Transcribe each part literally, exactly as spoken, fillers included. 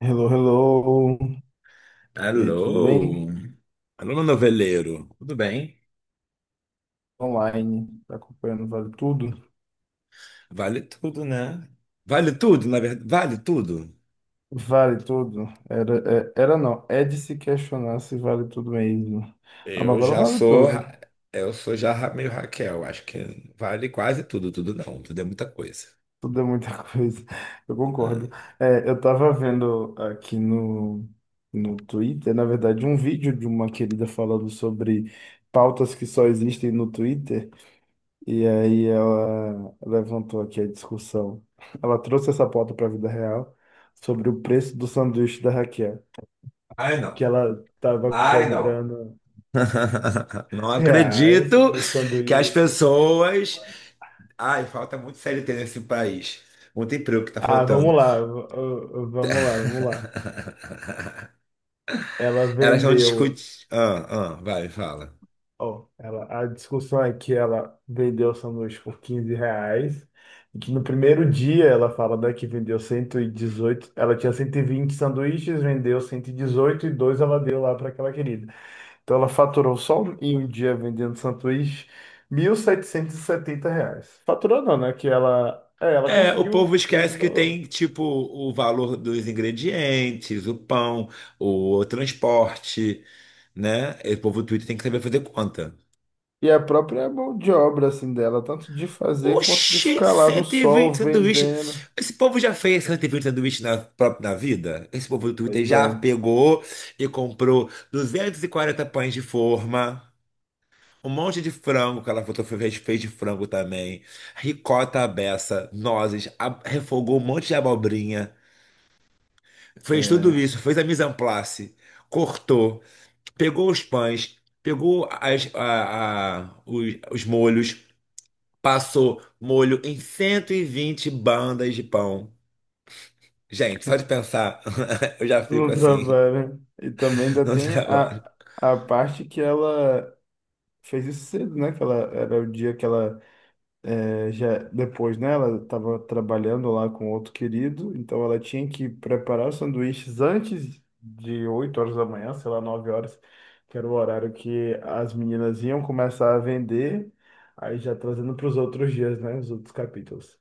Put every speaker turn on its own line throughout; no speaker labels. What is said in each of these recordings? Hello, hello. E aí, tudo
Alô?
bem?
Alô, meu noveleiro. Tudo bem?
Online, tá acompanhando Vale Tudo?
Vale tudo, né? Vale tudo, na verdade. Vale tudo?
Vale Tudo? Era, é- era não, é de se questionar se vale tudo mesmo. A
Eu
novela
já
vale
sou.
tudo,
ra- Eu sou já ra- meio Raquel. Acho que vale quase tudo. Tudo não. Tudo é muita coisa.
tudo é muita coisa, eu
É.
concordo. É, eu tava vendo aqui no, no Twitter, na verdade, um vídeo de uma querida falando sobre pautas que só existem no Twitter. E aí ela levantou aqui a discussão. Ela trouxe essa pauta para a vida real sobre o preço do sanduíche da Raquel,
Ai,
que
não.
ela estava
Ai, não.
cobrando
Não
reais
acredito
no
que as
sanduíche.
pessoas. Ai, falta muito C L T nesse país. Muito emprego que tá
Ah, vamos
faltando.
lá, v- v- vamos lá, vamos lá. Ela
Elas não
vendeu,
discutem. Ah, ah, vai, fala.
ó, ela, a discussão é que ela vendeu o sanduíche por quinze reais. E que no primeiro dia ela fala, né, que vendeu cento e dezoito, ela tinha cento e vinte sanduíches, vendeu cento e dezoito, e dois ela deu lá para aquela querida. Então ela faturou só um, em um dia vendendo sanduíche, mil setecentos e setenta reais. Faturou não, né? Que ela, é, ela
É, o povo
conseguiu esse
esquece que
valor.
tem, tipo, o valor dos ingredientes, o pão, o transporte, né? E O povo do Twitter tem que saber fazer conta.
E a própria mão de obra assim dela, tanto de fazer quanto de
Oxi,
ficar lá no
cento e
sol
vinte
vendendo.
sanduíches. Esse povo já fez cento e vinte sanduíches na própria na vida? Esse povo do Twitter
Pois
já
é,
pegou e comprou duzentos e quarenta pães de forma, um monte de frango, que ela fotografou, fez fez de frango também, ricota à beça, nozes, a- refogou um monte de abobrinha. Fez
é,
tudo isso, fez a mise en place, cortou, pegou os pães, pegou as- a- a- os, os molhos, passou molho em cento e vinte bandas de pão. Gente, só de pensar, eu já fico
no
assim
trabalho. E também ainda
no
tem
trabalho.
a, a parte que ela fez isso cedo, né? Que ela era o dia que ela eh, já depois, né, ela estava trabalhando lá com outro querido, então ela tinha que preparar os sanduíches antes de oito horas da manhã, sei lá, nove horas, que era o horário que as meninas iam começar a vender, aí já trazendo para os outros dias, né, os outros capítulos.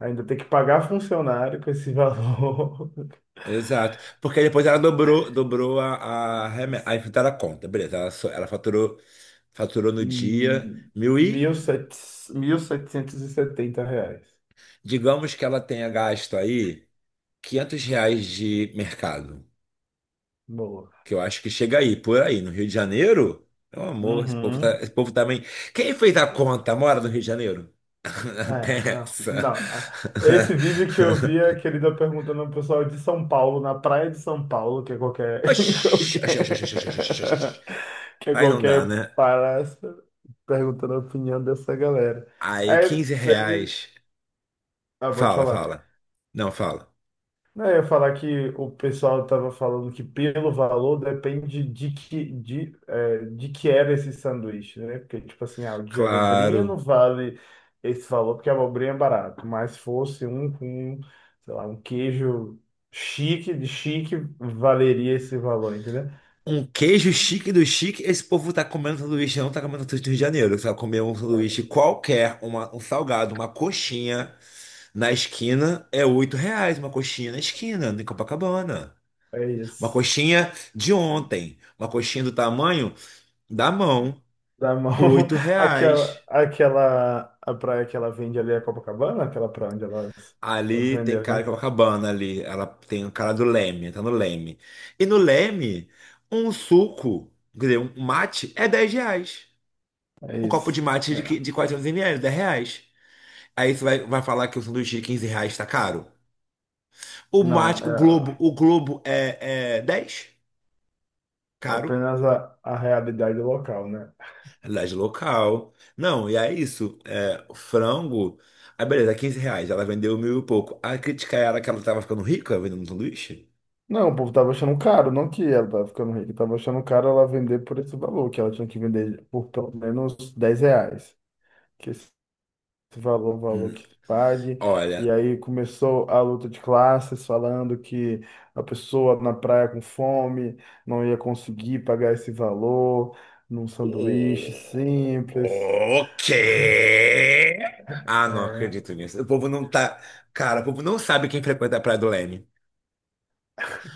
Ainda tem que pagar funcionário com esse valor,
Exato. Porque depois ela dobrou, dobrou a, a, reme- a enfrentar a conta. Beleza, ela, só- ela faturou, faturou no dia
hum,
mil
mil
e,
e setecentos e setenta reais.
digamos que ela tenha gasto aí quinhentos reais de mercado.
Boa.
Que eu acho que chega aí, por aí, no Rio de Janeiro. Meu amor, esse povo, tá,
Uhum.
esse povo também. Quem fez a conta mora no Rio de Janeiro?
É,
Até
não, não.
essa.
Ah, esse vídeo que eu vi é aquele da perguntando ao pessoal de São Paulo, na praia de São Paulo, que é qualquer,
Oxi, oxi, oxi, oxi, oxi, oxi, oxi, oxi.
qualquer, que é
Aí não dá,
qualquer
né?
palhaço, perguntando a opinião dessa galera.
Aí
Aí
15
teve,
reais.
ah, pode
Fala,
falar.
fala. Não, fala.
Não, eu ia falar que o pessoal estava falando que pelo valor depende de que, de, é, de que era esse sanduíche, né? Porque, tipo assim, ah, o de abobrinha
Claro.
não vale esse valor porque a abobrinha é barato, mas se fosse um com, sei lá, um queijo chique, de chique, valeria esse valor, entendeu?
Um queijo chique do chique. Esse povo tá comendo sanduíche, não tá comendo sanduíche do Rio de Janeiro. Você vai comer um sanduíche qualquer, uma- um salgado, uma coxinha. Na esquina é oito reais uma coxinha na esquina, em Copacabana.
É
Uma
isso.
coxinha de ontem, uma coxinha do tamanho da mão,
Da mão,
oito reais.
aquela, aquela, a praia que ela vende ali é Copacabana, aquela praia onde elas, elas
Ali tem
venderam,
cara de
né?
Copacabana ali, ela tem o cara do Leme, tá no Leme. E no Leme, um suco, quer dizer, um mate é dez reais.
É
Um copo
isso.
de mate de, qui-
É.
de quatrocentos mililitros, dez reais. Aí você vai, vai falar que o sanduíche de quinze reais tá caro? O
Não,
mate, o Globo,
é.
o Globo é, é dez,
É
caro.
apenas a, a realidade local, né?
Realidade local. Não, e é isso. É, o frango. Aí beleza, é quinze reais. Ela vendeu mil e pouco. A crítica era que ela tava ficando rica vendendo um sanduíche?
Não, o povo tava achando caro, não que ela tava ficando rica, tava achando caro ela vender por esse valor, que ela tinha que vender por pelo menos dez reais, que esse valor, é o valor
Hum,
que se pague. E
olha.
aí começou a luta de classes, falando que a pessoa na praia com fome não ia conseguir pagar esse valor num sanduíche simples.
O quê? Ah, não acredito
É.
nisso. O povo não tá. Cara, o povo não sabe quem frequenta a Praia do Leme.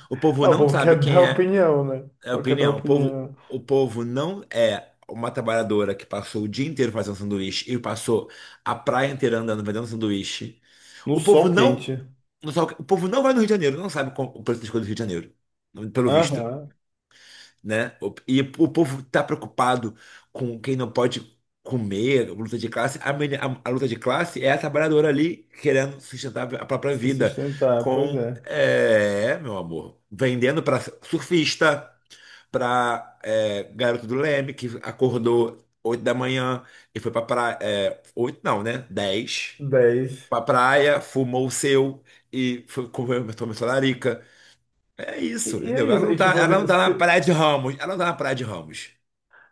O povo
Ah, o
não
povo
sabe
quer
quem
dar
é
opinião, né?
é a
Só quer dar
opinião. O povo,
opinião.
o povo não é uma trabalhadora que passou o dia inteiro fazendo sanduíche e passou a praia inteira andando vendendo sanduíche.
No
O povo
sol
não,
quente.
não sabe o que- o povo não vai no Rio de Janeiro, não sabe qual- o preço das coisas do Rio de Janeiro, pelo visto,
Aham.
né? O- E o povo tá preocupado com quem não pode comer, luta de classe. A, meni- a- a luta de classe é a trabalhadora ali querendo sustentar a própria
Se
vida
sustentar, pois
com,
é.
é, meu amor, vendendo para surfista, para garoto do Leme que acordou oito da manhã e foi para praia, é, oito não, né? Dez pra
Dez.
praia, fumou o seu e foi comer, tomou sua larica. É
E,
isso,
e é
entendeu? Ela
isso.
não
E
tá,
tipo
ela não
assim,
tá na
se,
praia de Ramos. Ela não tá na praia de Ramos.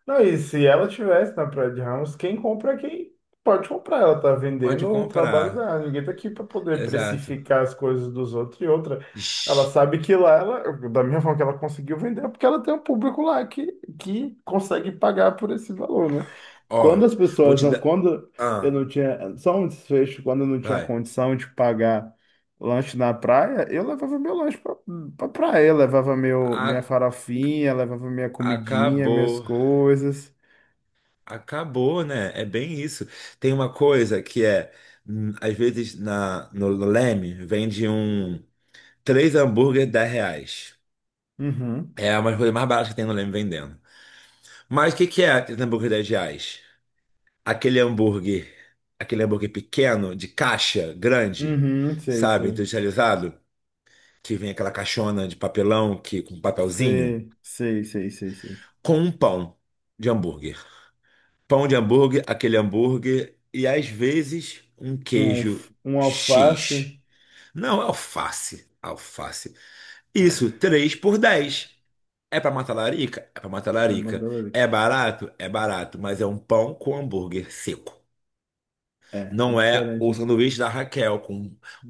não, e se ela tivesse na Praia de Ramos, quem compra é quem pode comprar. Ela tá
Pode
vendendo o trabalho
comprar.
dela. Ninguém tá aqui para poder
Exato.
precificar as coisas dos outros e outra.
Ixi.
Ela sabe que lá, ela, da mesma forma que ela conseguiu vender, é porque ela tem um público lá que, que consegue pagar por esse valor, né?
Ó,
Quando as
vou
pessoas
te
não,
dar.
quando eu
Ah,
não tinha, só um desfecho, quando eu não tinha
vai.
condição de pagar lanche na praia, eu levava meu lanche pra, pra praia, eu levava meu, minha
A-
farofinha, levava minha comidinha, minhas
acabou.
coisas.
Acabou, né? É bem isso. Tem uma coisa que é, hum, às vezes na, no Leme vende um três hambúrguer dez reais.
Uhum,
É uma coisa mais barata que tem no Leme vendendo. Mas o que que é aquele hambúrguer dez reais? Aquele hambúrguer, aquele hambúrguer pequeno, de caixa, grande,
uhum, sei,
sabe,
sei,
industrializado, que vem aquela caixona de papelão que, com papelzinho,
sei, sei, sei, sei, sei.
com um pão de hambúrguer. Pão de hambúrguer, aquele hambúrguer e às vezes um
Um,
queijo
alf- um alface,
X. Não, alface, alface. Isso, três por dez. É pra matar larica? É pra matar
é
larica.
mandalorica,
É barato? É barato, mas é um pão com hambúrguer seco.
é, é
Não é o
diferente
sanduíche da Raquel, com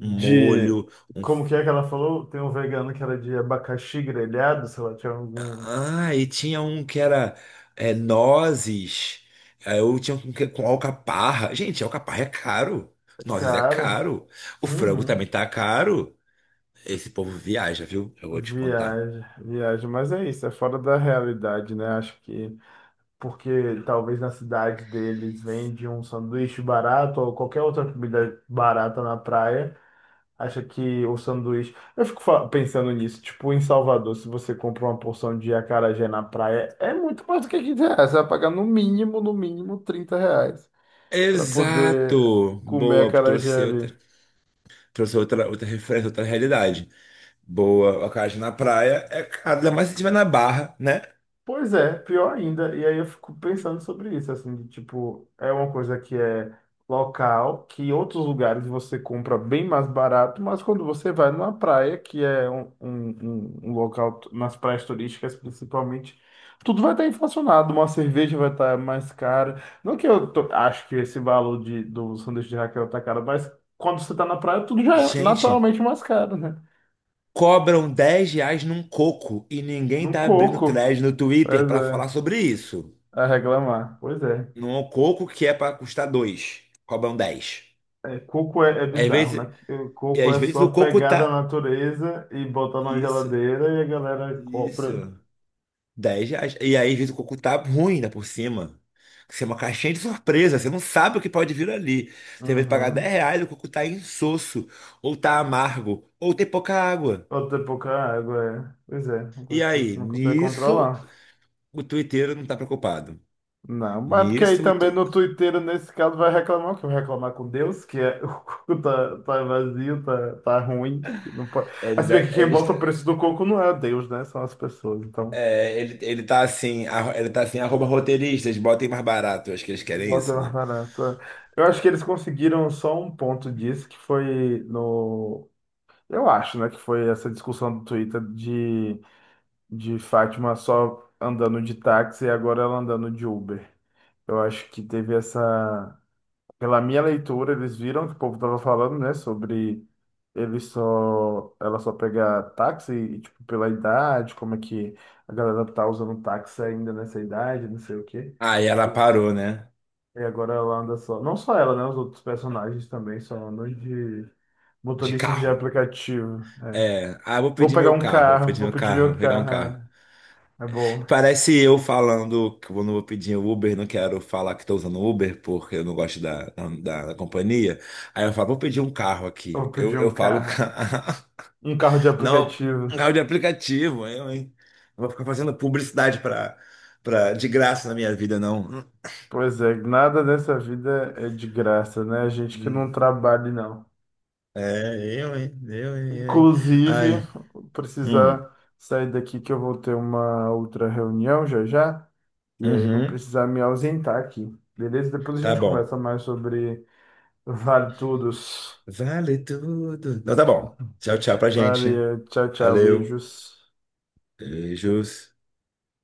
um molho, um...
como que é que ela falou? Tem um vegano que era de abacaxi grelhado, sei lá, tinha algum,
Ah, e tinha um que era é, nozes, aí eu tinha um que com alcaparra. Gente, alcaparra é caro, nozes é
cara...
caro, o frango
Uhum.
também tá caro. Esse povo viaja, viu? Eu vou te contar.
Viagem, viagem, mas é isso, é fora da realidade, né? Acho que porque talvez na cidade deles vende um sanduíche barato ou qualquer outra comida barata na praia, acha que o sanduíche. Eu fico fa- pensando nisso, tipo, em Salvador, se você compra uma porção de acarajé na praia, é muito mais do que quinze reais, você vai pagar no mínimo, no mínimo trinta reais para poder
Exato!
comer
Boa,
acarajé
trouxe outra,
ali.
trouxe outra, outra referência, outra realidade. Boa, a casa na praia é caro, ainda mais se tiver na Barra, né?
Pois é, pior ainda. E aí eu fico pensando sobre isso, assim, de, tipo, é uma coisa que é local, que em outros lugares você compra bem mais barato, mas quando você vai numa praia, que é um, um, um um local, t- nas praias turísticas principalmente, tudo vai estar inflacionado, uma cerveja vai estar mais cara. Não que eu tô- acho que esse valor de, do sanduíche de Raquel tá caro, mas quando você tá na praia, tudo já é
Gente...
naturalmente mais caro, né?
Cobram dez reais num coco e ninguém
Num
tá abrindo
coco,
thread no Twitter
pois
pra falar
é,
sobre isso.
a reclamar, pois é.
Num coco que é pra custar dois, cobram dez.
É, coco é, é
Às
bizarro, né?
vezes,
Que, eh,
e
Coco
às
é
vezes o
só
coco
pegar da
tá.
natureza e botar na
Isso,
geladeira e a galera compra.
isso. Dez reais. E aí, às vezes, o coco tá ruim, ainda por cima. Isso é uma caixinha de surpresa, você não sabe o que pode vir ali. Você vai pagar dez
Uhum.
reais, o coco tá insosso, ou tá amargo, ou tem pouca água.
Ou ter pouca água, é. Pois é, uma
E
coisa que
aí,
você não consegue
nisso,
controlar.
o tuiteiro não tá preocupado.
Não, mas é porque aí
Nisso, o
também
tu-
no Twitter, nesse caso, vai reclamar, que vai reclamar com Deus, que é, o coco tá, tá vazio, tá, tá ruim, que não pode... Ah,
Ele,
se bem
tá-
que quem
ele,
bota
está-
o preço do coco não é Deus, né? São as pessoas, então
é, ele, ele tá assim, arro- ele tá assim, arroba roteiristas, botem mais barato. Eu acho que eles querem
bota
isso,
mais
né?
barato. É. Eu acho que eles conseguiram só um ponto disso, que foi no. Eu acho, né, que foi essa discussão do Twitter de, de Fátima só andando de táxi e agora ela andando de Uber. Eu acho que teve essa. Pela minha leitura, eles viram que o povo tava falando, né, sobre ele só, ela só pegar táxi e, tipo, pela idade, como é que a galera tá usando táxi ainda nessa idade, não sei o quê.
Aí ela
E,
parou, né?
e agora ela anda só. Não só ela, né, os outros personagens também só andam de
De
motoristas de
carro.
aplicativo.
É, ah, vou
Vou
pedir
pegar
meu
um
carro, vou
carro,
pedir
vou
meu
pedir
carro, vou
meu
pegar um
carro,
carro.
é, é bom.
Parece eu falando que eu não vou pedir o Uber, não quero falar que estou usando o Uber porque eu não gosto da, da, da- da companhia. Aí eu falo, vou pedir um carro aqui.
Vou
Eu,
pedir
eu
um
falo,
carro. Um carro de
não,
aplicativo.
um carro de aplicativo, eu, hein? Não vou ficar fazendo publicidade pra, pra, de graça na minha vida, não.
Pois é, nada nessa vida é de graça, né? A gente que não
Hum,
trabalha, não.
é, eu, hein? Eu, hein? Eu, hein? Ai,
Inclusive, vou
hum,
precisar sair daqui que eu vou ter uma outra reunião já já. E aí eu vou
uhum,
precisar me ausentar aqui. Beleza? Depois a
tá
gente
bom.
conversa mais sobre Vale Tudos.
Vale tudo. Não, tá bom. Tchau, tchau pra gente.
Valeu, tchau, tchau,
Valeu.
beijos.
Beijos.